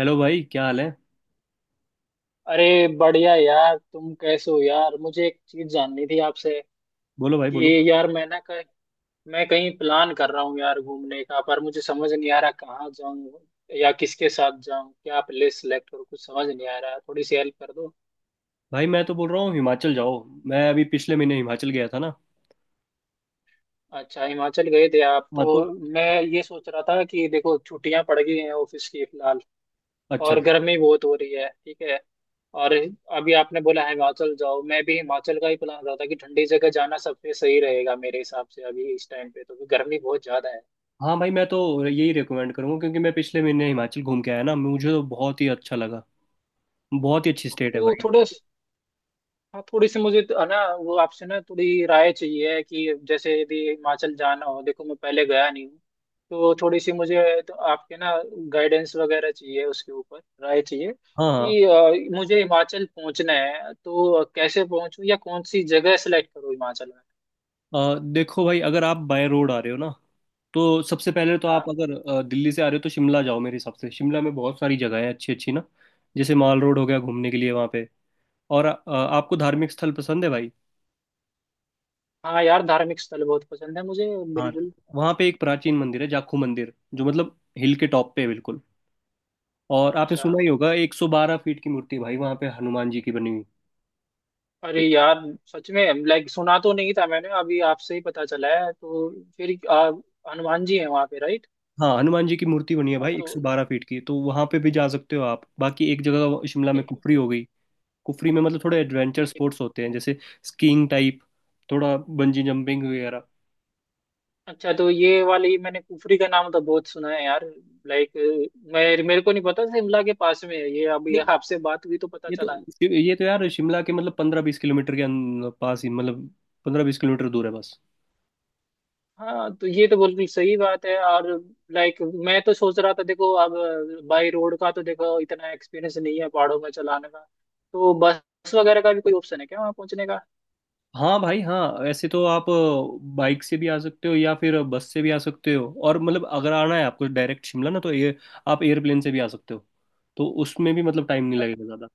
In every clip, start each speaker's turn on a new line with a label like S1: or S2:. S1: Hello भाई, क्या हाल है?
S2: अरे बढ़िया यार, तुम कैसे हो? यार, मुझे एक चीज जाननी थी आपसे
S1: बोलो भाई, बोलो।
S2: कि यार मैं कहीं प्लान कर रहा हूँ यार घूमने का। पर मुझे समझ नहीं आ रहा कहाँ जाऊँ या किसके साथ जाऊँ, क्या आप प्लेस सेलेक्ट करूँ, कुछ समझ नहीं आ रहा है। थोड़ी सी हेल्प कर दो।
S1: भाई, मैं तो बोल रहा हूँ, हिमाचल जाओ। मैं अभी पिछले महीने हिमाचल गया था ना।
S2: अच्छा, हिमाचल गए थे आप तो।
S1: हाँ तो।
S2: मैं ये सोच रहा था कि देखो, छुट्टियां पड़ गई हैं ऑफिस की फिलहाल,
S1: अच्छा।
S2: और गर्मी बहुत हो रही है, ठीक है। और अभी आपने बोला हिमाचल जाओ, मैं भी हिमाचल का ही प्लान रहा था कि ठंडी जगह जाना सबसे सही रहेगा मेरे हिसाब से अभी इस टाइम पे, तो क्योंकि गर्मी बहुत ज्यादा है।
S1: हाँ भाई, मैं तो यही रिकमेंड करूँगा क्योंकि मैं पिछले महीने हिमाचल घूम के आया ना, मुझे तो बहुत ही अच्छा लगा। बहुत ही अच्छी स्टेट है
S2: तो
S1: भाई।
S2: थोड़ा, हाँ, थोड़ी सी मुझे तो- है ना, वो आपसे ना थोड़ी राय चाहिए कि जैसे यदि हिमाचल जाना हो, देखो मैं पहले गया नहीं हूँ। तो थोड़ी सी मुझे तो आपके ना गाइडेंस वगैरह चाहिए, उसके ऊपर राय चाहिए
S1: हाँ
S2: कि
S1: हाँ।
S2: मुझे हिमाचल पहुंचना है तो कैसे पहुंचूं या कौन सी जगह सेलेक्ट करूं हिमाचल में।
S1: देखो भाई, अगर आप बाय रोड आ रहे हो ना तो सबसे पहले तो
S2: हाँ।
S1: आप अगर दिल्ली से आ रहे हो तो शिमला जाओ। मेरे हिसाब से शिमला में बहुत सारी जगह है, अच्छी अच्छी ना। जैसे माल रोड हो गया घूमने के लिए वहाँ पे। और आपको धार्मिक स्थल पसंद है भाई?
S2: हाँ यार, धार्मिक स्थल बहुत पसंद है मुझे,
S1: हाँ।
S2: बिल्कुल।
S1: वहाँ पे एक प्राचीन मंदिर है, जाखू मंदिर, जो मतलब हिल के टॉप पे है बिल्कुल। और आपने
S2: अच्छा।
S1: सुना ही होगा, 112 फीट की मूर्ति है भाई वहाँ पे हनुमान जी की बनी हुई।
S2: अरे यार, सच में लाइक सुना तो नहीं था मैंने, अभी आपसे ही पता चला है। फिर आ, हनुमान जी हैं वहाँ पे, राइट?
S1: हाँ, हनुमान जी की मूर्ति बनी है भाई
S2: तो
S1: 112 फीट की, तो वहाँ पे भी जा सकते हो आप। बाकी एक जगह शिमला में
S2: ठीक।
S1: कुफरी हो गई। कुफरी में मतलब थोड़े एडवेंचर
S2: ठीक।
S1: स्पोर्ट्स होते हैं, जैसे स्कीइंग टाइप, थोड़ा बंजी जंपिंग वगैरह।
S2: अच्छा, तो ये वाली, मैंने कुफरी का नाम तो बहुत सुना है यार, लाइक। मैं, मेरे को नहीं पता शिमला के पास में है ये, अभी
S1: देख,
S2: आपसे बात हुई तो पता
S1: ये तो
S2: चला।
S1: ये तो यार, शिमला के मतलब 15-20 किलोमीटर के पास ही, मतलब 15-20 किलोमीटर दूर है बस।
S2: हाँ, तो ये तो बिल्कुल सही बात है। और लाइक, मैं तो सोच रहा था देखो अब, बाई रोड का तो देखो इतना एक्सपीरियंस नहीं है पहाड़ों में चलाने का, तो बस वगैरह का भी कोई ऑप्शन है क्या वहाँ पहुँचने का?
S1: हाँ भाई हाँ, ऐसे तो आप बाइक से भी आ सकते हो या फिर बस से भी आ सकते हो। और मतलब अगर आना है आपको डायरेक्ट शिमला ना तो ये आप एयरप्लेन से भी आ सकते हो। तो उसमें भी मतलब टाइम नहीं
S2: पर
S1: लगेगा ज़्यादा।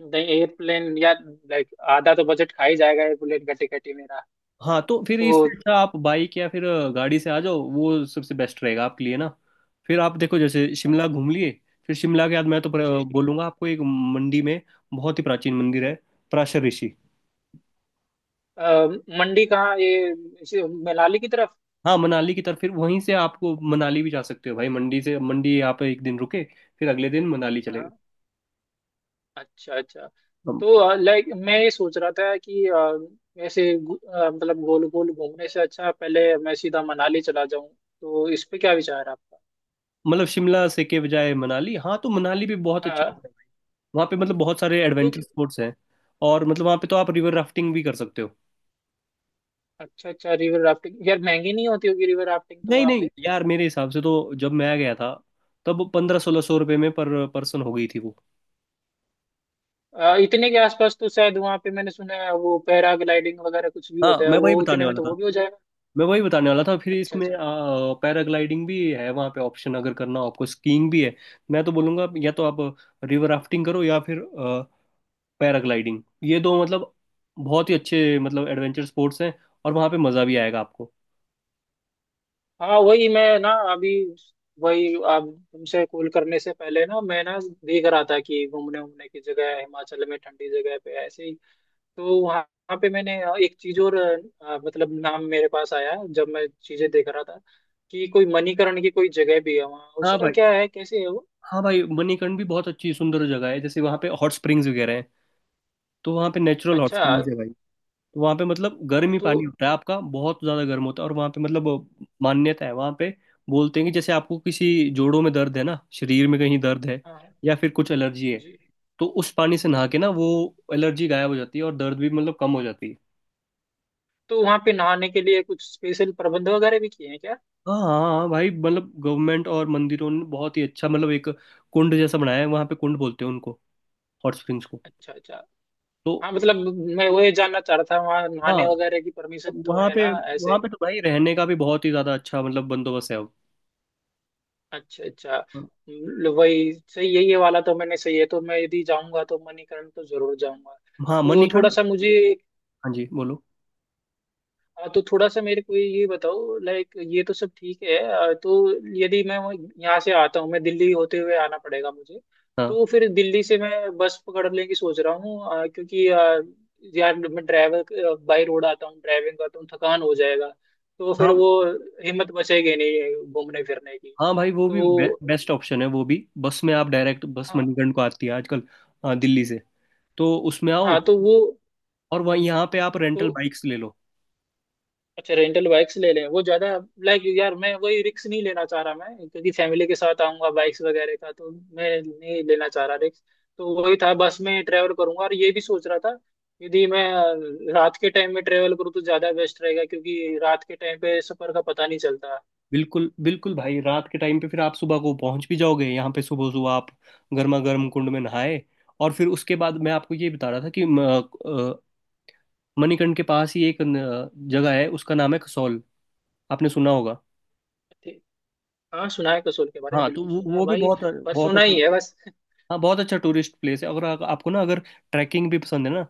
S2: नहीं, एयरप्लेन या लाइक आधा तो बजट खा ही जाएगा एयरप्लेन का टिकट ही मेरा।
S1: हाँ तो फिर
S2: तो
S1: इससे अच्छा आप बाइक या फिर गाड़ी से आ जाओ, वो सबसे बेस्ट रहेगा आपके लिए ना। फिर आप देखो, जैसे
S2: हाँ,
S1: शिमला घूम लिए। फिर शिमला के बाद मैं तो
S2: जी।
S1: बोलूँगा आपको एक, मंडी में बहुत ही प्राचीन मंदिर है, पराशर ऋषि।
S2: अ, मंडी कहाँ ये, मनाली की तरफ?
S1: हाँ मनाली की तरफ, फिर वहीं से आपको मनाली भी जा सकते हो भाई, मंडी से। मंडी आप एक दिन रुके, फिर अगले दिन मनाली चले।
S2: हाँ। अच्छा अच्छा।
S1: हम-
S2: तो लाइक मैं ये सोच रहा था कि ऐसे मतलब गोल गोल घूमने से अच्छा पहले मैं सीधा मनाली चला जाऊं, तो इस पे क्या विचार है आपका?
S1: मतलब शिमला से के बजाय मनाली, हाँ तो मनाली भी बहुत अच्छी
S2: हाँ,
S1: जगह है। वहाँ पे मतलब बहुत सारे एडवेंचर
S2: क्योंकि
S1: स्पोर्ट्स हैं। और मतलब वहाँ पे तो आप रिवर राफ्टिंग भी कर सकते हो।
S2: अच्छा अच्छा, रिवर राफ्टिंग यार महंगी नहीं होती होगी रिवर राफ्टिंग तो
S1: नहीं
S2: वहाँ
S1: नहीं
S2: पे?
S1: यार, मेरे हिसाब से तो जब मैं गया था तब 1500-1600 रुपये में पर पर्सन हो गई थी वो।
S2: इतने के आसपास तो शायद, वहाँ पे मैंने सुना है वो पैराग्लाइडिंग वगैरह कुछ भी
S1: हाँ,
S2: होता है
S1: मैं वही
S2: वो,
S1: बताने
S2: इतने में
S1: वाला
S2: तो
S1: था।
S2: वो भी हो जाएगा।
S1: मैं वही बताने वाला था, फिर
S2: अच्छा
S1: इसमें
S2: अच्छा।
S1: पैराग्लाइडिंग भी है वहाँ पे ऑप्शन, अगर करना हो आपको, स्कीइंग भी है। मैं तो बोलूँगा या तो आप रिवर राफ्टिंग करो या फिर पैराग्लाइडिंग, ये दो मतलब बहुत ही अच्छे मतलब एडवेंचर स्पोर्ट्स हैं। और वहाँ पे मज़ा भी आएगा आपको।
S2: हाँ वही मैं ना अभी, वही आप, तुमसे कॉल करने से पहले ना मैं ना देख रहा था कि घूमने घूमने की जगह है हिमाचल में, ठंडी जगह पे ऐसे ही। तो वहाँ वहाँ पे मैंने एक चीज और, मतलब नाम मेरे पास आया जब मैं चीजें देख रहा था कि कोई मणिकरण की कोई जगह भी है वहाँ,
S1: हाँ
S2: उसका
S1: भाई
S2: क्या है, कैसे है वो?
S1: हाँ भाई, मणिकर्ण भी बहुत अच्छी सुंदर जगह है, जैसे वहाँ पे हॉट स्प्रिंग्स वगैरह हैं। तो वहाँ पे नेचुरल हॉट
S2: अच्छा।
S1: स्प्रिंग्स है भाई। तो वहाँ पे मतलब गर्म ही
S2: तो
S1: पानी होता है आपका, बहुत ज़्यादा गर्म होता है। और वहाँ पे मतलब मान्यता है, वहाँ पे बोलते हैं कि जैसे आपको किसी जोड़ों में दर्द है ना, शरीर में कहीं दर्द है
S2: हाँ
S1: या फिर कुछ एलर्जी है,
S2: जी।
S1: तो उस पानी से नहा के ना वो एलर्जी गायब हो जाती है और दर्द भी मतलब कम हो जाती है।
S2: तो वहाँ पे नहाने के लिए कुछ स्पेशल प्रबंध वगैरह भी किए हैं क्या?
S1: हाँ हाँ भाई, मतलब गवर्नमेंट और मंदिरों ने बहुत ही अच्छा मतलब एक कुंड जैसा बनाया है वहाँ पे, कुंड बोलते हैं उनको, हॉट स्प्रिंग्स को।
S2: अच्छा अच्छा।
S1: तो
S2: हाँ मतलब, मैं वही जानना चाह रहा था, वहाँ नहाने
S1: हाँ,
S2: वगैरह की परमिशन तो
S1: वहाँ
S2: है
S1: पे
S2: ना
S1: वहाँ
S2: ऐसे?
S1: पे तो भाई रहने का भी बहुत ही ज़्यादा अच्छा मतलब बंदोबस्त है अब।
S2: अच्छा अच्छा। वही सही है ये वाला तो, मैंने सही है तो मैं यदि जाऊंगा तो मणिकरण तो जरूर जाऊंगा।
S1: हाँ
S2: तो थोड़ा
S1: मणिखंड।
S2: सा मुझे,
S1: हाँ जी, बोलो।
S2: हाँ, तो थोड़ा सा मेरे को ये बताओ लाइक, ये तो सब ठीक है। तो यदि मैं यहाँ से आता हूँ, मैं दिल्ली होते हुए आना पड़ेगा मुझे।
S1: हाँ
S2: तो फिर दिल्ली से मैं बस पकड़ने की सोच रहा हूँ, क्योंकि यार मैं ड्राइवर बाई रोड आता हूँ, ड्राइविंग करता हूँ, थकान हो जाएगा। तो फिर
S1: हाँ।
S2: वो हिम्मत बचेगी नहीं घूमने फिरने की।
S1: हाँ भाई, वो भी
S2: तो
S1: बेस्ट ऑप्शन है, वो भी बस में आप डायरेक्ट। बस
S2: हाँ।
S1: मणिकर्ण को आती है आजकल, दिल्ली से। तो उसमें आओ।
S2: हाँ, तो वो।
S1: और वहीं यहाँ पे आप
S2: तो
S1: रेंटल बाइक्स ले लो।
S2: अच्छा, रेंटल बाइक्स ले लें, वो ज्यादा, लाइक यार मैं वही रिक्स नहीं लेना चाह रहा मैं, क्योंकि फैमिली के साथ आऊंगा, बाइक्स वगैरह का तो मैं नहीं लेना चाह रहा रिक्स। तो वही था, बस में ट्रेवल करूंगा। और ये भी सोच रहा था, यदि मैं रात के टाइम में ट्रेवल करूँ तो ज्यादा बेस्ट रहेगा क्योंकि रात के टाइम पे सफर का पता नहीं चलता।
S1: बिल्कुल बिल्कुल भाई, रात के टाइम पे फिर आप सुबह को पहुंच भी जाओगे। यहाँ पे सुबह सुबह आप गर्मा गर्म कुंड में नहाए, और फिर उसके बाद मैं आपको ये बता रहा था कि अ, मणिकर्ण के पास ही एक जगह है, उसका नाम है कसौल। आपने सुना होगा।
S2: ठीक। हाँ सुना है कसोल के बारे में,
S1: हाँ, तो
S2: बिल्कुल
S1: वो
S2: सुना है
S1: वो भी
S2: भाई।
S1: बहुत,
S2: पर
S1: बहुत
S2: सुना
S1: अच्छा।
S2: ही है बस।
S1: हाँ, बहुत अच्छा टूरिस्ट प्लेस है। अगर आपको ना, अगर ट्रैकिंग भी पसंद है ना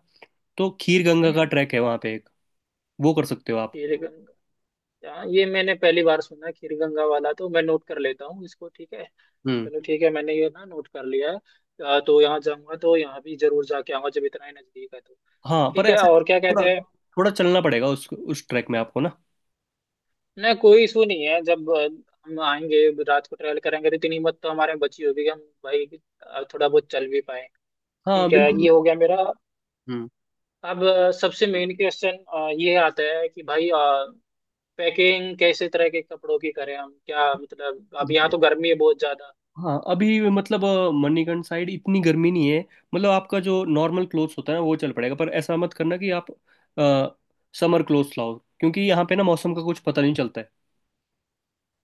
S1: तो खीर गंगा
S2: हम्म।
S1: का ट्रैक है वहाँ पे एक, वो कर सकते हो आप।
S2: खीर गंगा। हाँ ये मैंने पहली बार सुना, खीर गंगा वाला तो मैं नोट कर लेता हूँ इसको, ठीक है।
S1: हम्म।
S2: चलो ठीक है, मैंने ये ना नोट कर लिया है। तो यहाँ जाऊंगा तो यहाँ भी जरूर जाके आऊंगा जब इतना ही नजदीक है तो।
S1: हाँ, पर
S2: ठीक है,
S1: ऐसा
S2: और क्या कहते
S1: थोड़ा,
S2: हैं?
S1: थोड़ा चलना पड़ेगा उस ट्रैक में आपको ना।
S2: ना, कोई इशू नहीं है। जब हम आएंगे, रात को ट्रैवल करेंगे तो इतनी हिम्मत तो हमारे में बची होगी कि हम भाई थोड़ा बहुत चल भी पाए।
S1: हाँ
S2: ठीक है, ये
S1: बिल्कुल।
S2: हो गया मेरा।
S1: हम्म।
S2: अब सबसे मेन क्वेश्चन ये आता है कि भाई पैकिंग कैसे तरह के कपड़ों की करें हम, क्या मतलब, अब यहाँ तो गर्मी है बहुत ज्यादा।
S1: हाँ, अभी मतलब मणिकर्ण साइड इतनी गर्मी नहीं है। मतलब आपका जो नॉर्मल क्लोथ्स होता है ना, वो चल पड़ेगा। पर ऐसा मत करना कि आप समर क्लोथ्स लाओ, क्योंकि यहाँ पे ना मौसम का कुछ पता नहीं चलता है।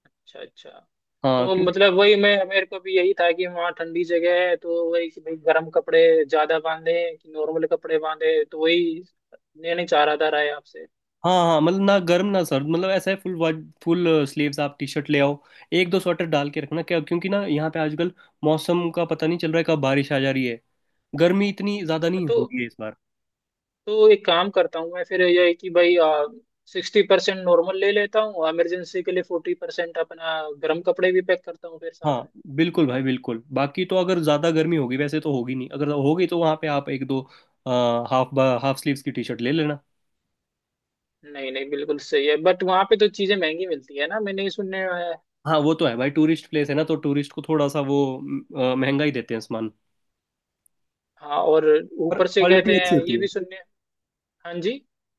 S2: अच्छा अच्छा।
S1: हाँ
S2: तो
S1: क्योंकि।
S2: मतलब वही मैं, मेरे को भी यही था कि वहाँ ठंडी जगह है तो वही कि भाई गर्म कपड़े ज्यादा बांधे कि नॉर्मल कपड़े बांधे, तो वही लेने चाह रहा था राय आपसे।
S1: हाँ हाँ, मतलब ना गर्म ना सर्द, मतलब ऐसा है। फुल फुल स्लीव्स आप टी शर्ट ले आओ। एक दो स्वेटर डाल के रखना क्या, क्योंकि ना यहाँ पे आजकल मौसम का पता नहीं चल रहा है कब बारिश आ जा रही है। गर्मी इतनी ज़्यादा नहीं हो
S2: तो
S1: रही है इस बार।
S2: तो एक काम करता हूँ मैं फिर, ये है कि भाई 60% नॉर्मल ले लेता हूँ, इमरजेंसी के लिए 40% अपना गर्म कपड़े भी पैक करता हूँ फिर साथ
S1: हाँ
S2: में।
S1: बिल्कुल भाई बिल्कुल, बाकी तो अगर ज़्यादा गर्मी होगी, वैसे तो होगी नहीं, अगर होगी तो वहाँ पे आप एक दो हाफ हाफ स्लीव्स की टी शर्ट ले लेना।
S2: नहीं नहीं, बिल्कुल सही है। बट वहाँ पे तो चीजें महंगी मिलती है ना, मैंने ये सुनने में आया है।
S1: हाँ वो तो है भाई, टूरिस्ट प्लेस है ना, तो टूरिस्ट को थोड़ा सा वो महंगा ही देते हैं सामान।
S2: हाँ, और
S1: पर
S2: ऊपर से कहते
S1: क्वालिटी अच्छी
S2: हैं,
S1: होती
S2: ये
S1: है।
S2: भी सुनने। हाँ जी।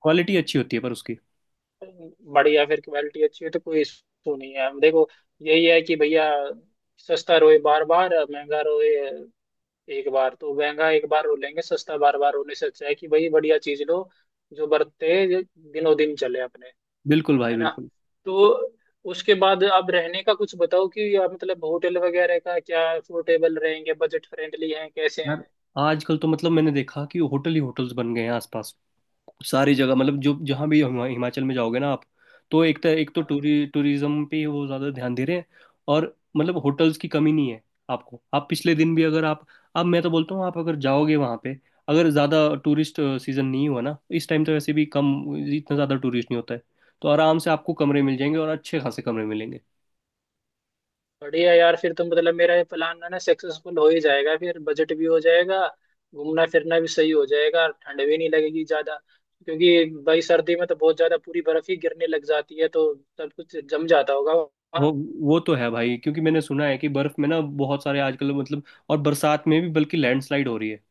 S1: क्वालिटी अच्छी होती है पर उसकी।
S2: बढ़िया, फिर क्वालिटी अच्छी है तो कोई इशू नहीं है देखो। यही है कि भैया, सस्ता रोए बार बार, महंगा रोए एक बार, तो महंगा एक बार रो लेंगे, सस्ता बार बार रोने से अच्छा है कि भाई बढ़िया चीज लो, जो बरते दिनों दिन चले अपने।
S1: बिल्कुल भाई
S2: है ना?
S1: बिल्कुल।
S2: तो उसके बाद आप रहने का कुछ बताओ कि आप मतलब होटल वगैरह का क्या, अफोर्डेबल रहेंगे, बजट फ्रेंडली हैं, कैसे
S1: यार,
S2: हैं?
S1: आजकल तो मतलब मैंने देखा कि होटल ही होटल्स बन गए हैं आसपास। सारी जगह मतलब जो जहाँ भी हिमाचल में जाओगे ना आप, तो एक तो
S2: हाँ।
S1: टूरी टूरिज्म पे वो ज़्यादा ध्यान दे रहे हैं। और मतलब होटल्स की कमी नहीं है। आपको, आप पिछले दिन भी अगर आप। अब मैं तो बोलता हूँ, आप अगर जाओगे वहाँ पे, अगर ज़्यादा टूरिस्ट सीज़न नहीं हुआ ना इस टाइम, तो वैसे भी कम, इतना ज़्यादा टूरिस्ट नहीं होता है। तो आराम से आपको कमरे मिल जाएंगे और अच्छे खासे कमरे मिलेंगे।
S2: बढ़िया यार, फिर तो मतलब मेरा ये प्लान ना ना सक्सेसफुल हो ही जाएगा, फिर बजट भी हो जाएगा, घूमना फिरना भी सही हो जाएगा, ठंड भी नहीं लगेगी ज्यादा, क्योंकि भाई सर्दी में तो बहुत ज्यादा पूरी बर्फ ही गिरने लग जाती है, तो सब कुछ जम जाता होगा
S1: वो
S2: वहाँ।
S1: वो तो है भाई, क्योंकि मैंने सुना है कि बर्फ़ में ना बहुत सारे आजकल मतलब, और बरसात में भी बल्कि लैंडस्लाइड हो रही है।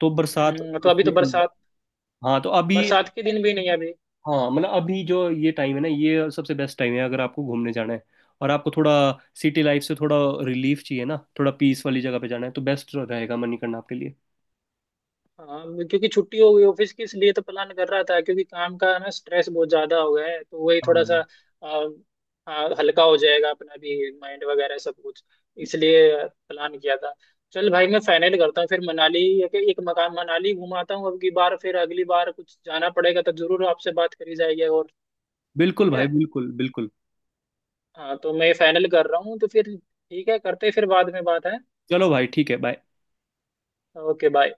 S1: तो बरसात।
S2: तो अभी तो बरसात
S1: हाँ तो अभी।
S2: बरसात के दिन भी नहीं है अभी।
S1: हाँ मतलब अभी जो ये टाइम है ना, ये सबसे बेस्ट टाइम है अगर आपको घूमने जाना है। और आपको थोड़ा, सिटी लाइफ से थोड़ा रिलीफ चाहिए ना, थोड़ा पीस वाली जगह पे जाना है, तो बेस्ट रहेगा मनी करना आपके लिए।
S2: हाँ, क्योंकि छुट्टी हो गई ऑफिस की इसलिए तो प्लान कर रहा था, क्योंकि काम का ना स्ट्रेस बहुत ज्यादा हो गया है, तो वही
S1: हाँ
S2: थोड़ा सा
S1: भाई।
S2: आ, आ, हल्का हो जाएगा अपना भी माइंड वगैरह सब कुछ, इसलिए प्लान किया था। चल भाई, मैं फाइनल करता हूँ फिर मनाली, या कि एक मकान मनाली घुमाता हूँ अब की बार, फिर अगली बार कुछ जाना पड़ेगा तो जरूर आपसे बात करी जाएगी। और
S1: बिल्कुल
S2: ठीक है।
S1: भाई बिल्कुल बिल्कुल।
S2: हाँ तो मैं फाइनल कर रहा हूँ तो फिर ठीक है, करते हैं फिर बाद में बात है।
S1: चलो भाई, ठीक है, बाय।
S2: Okay bye.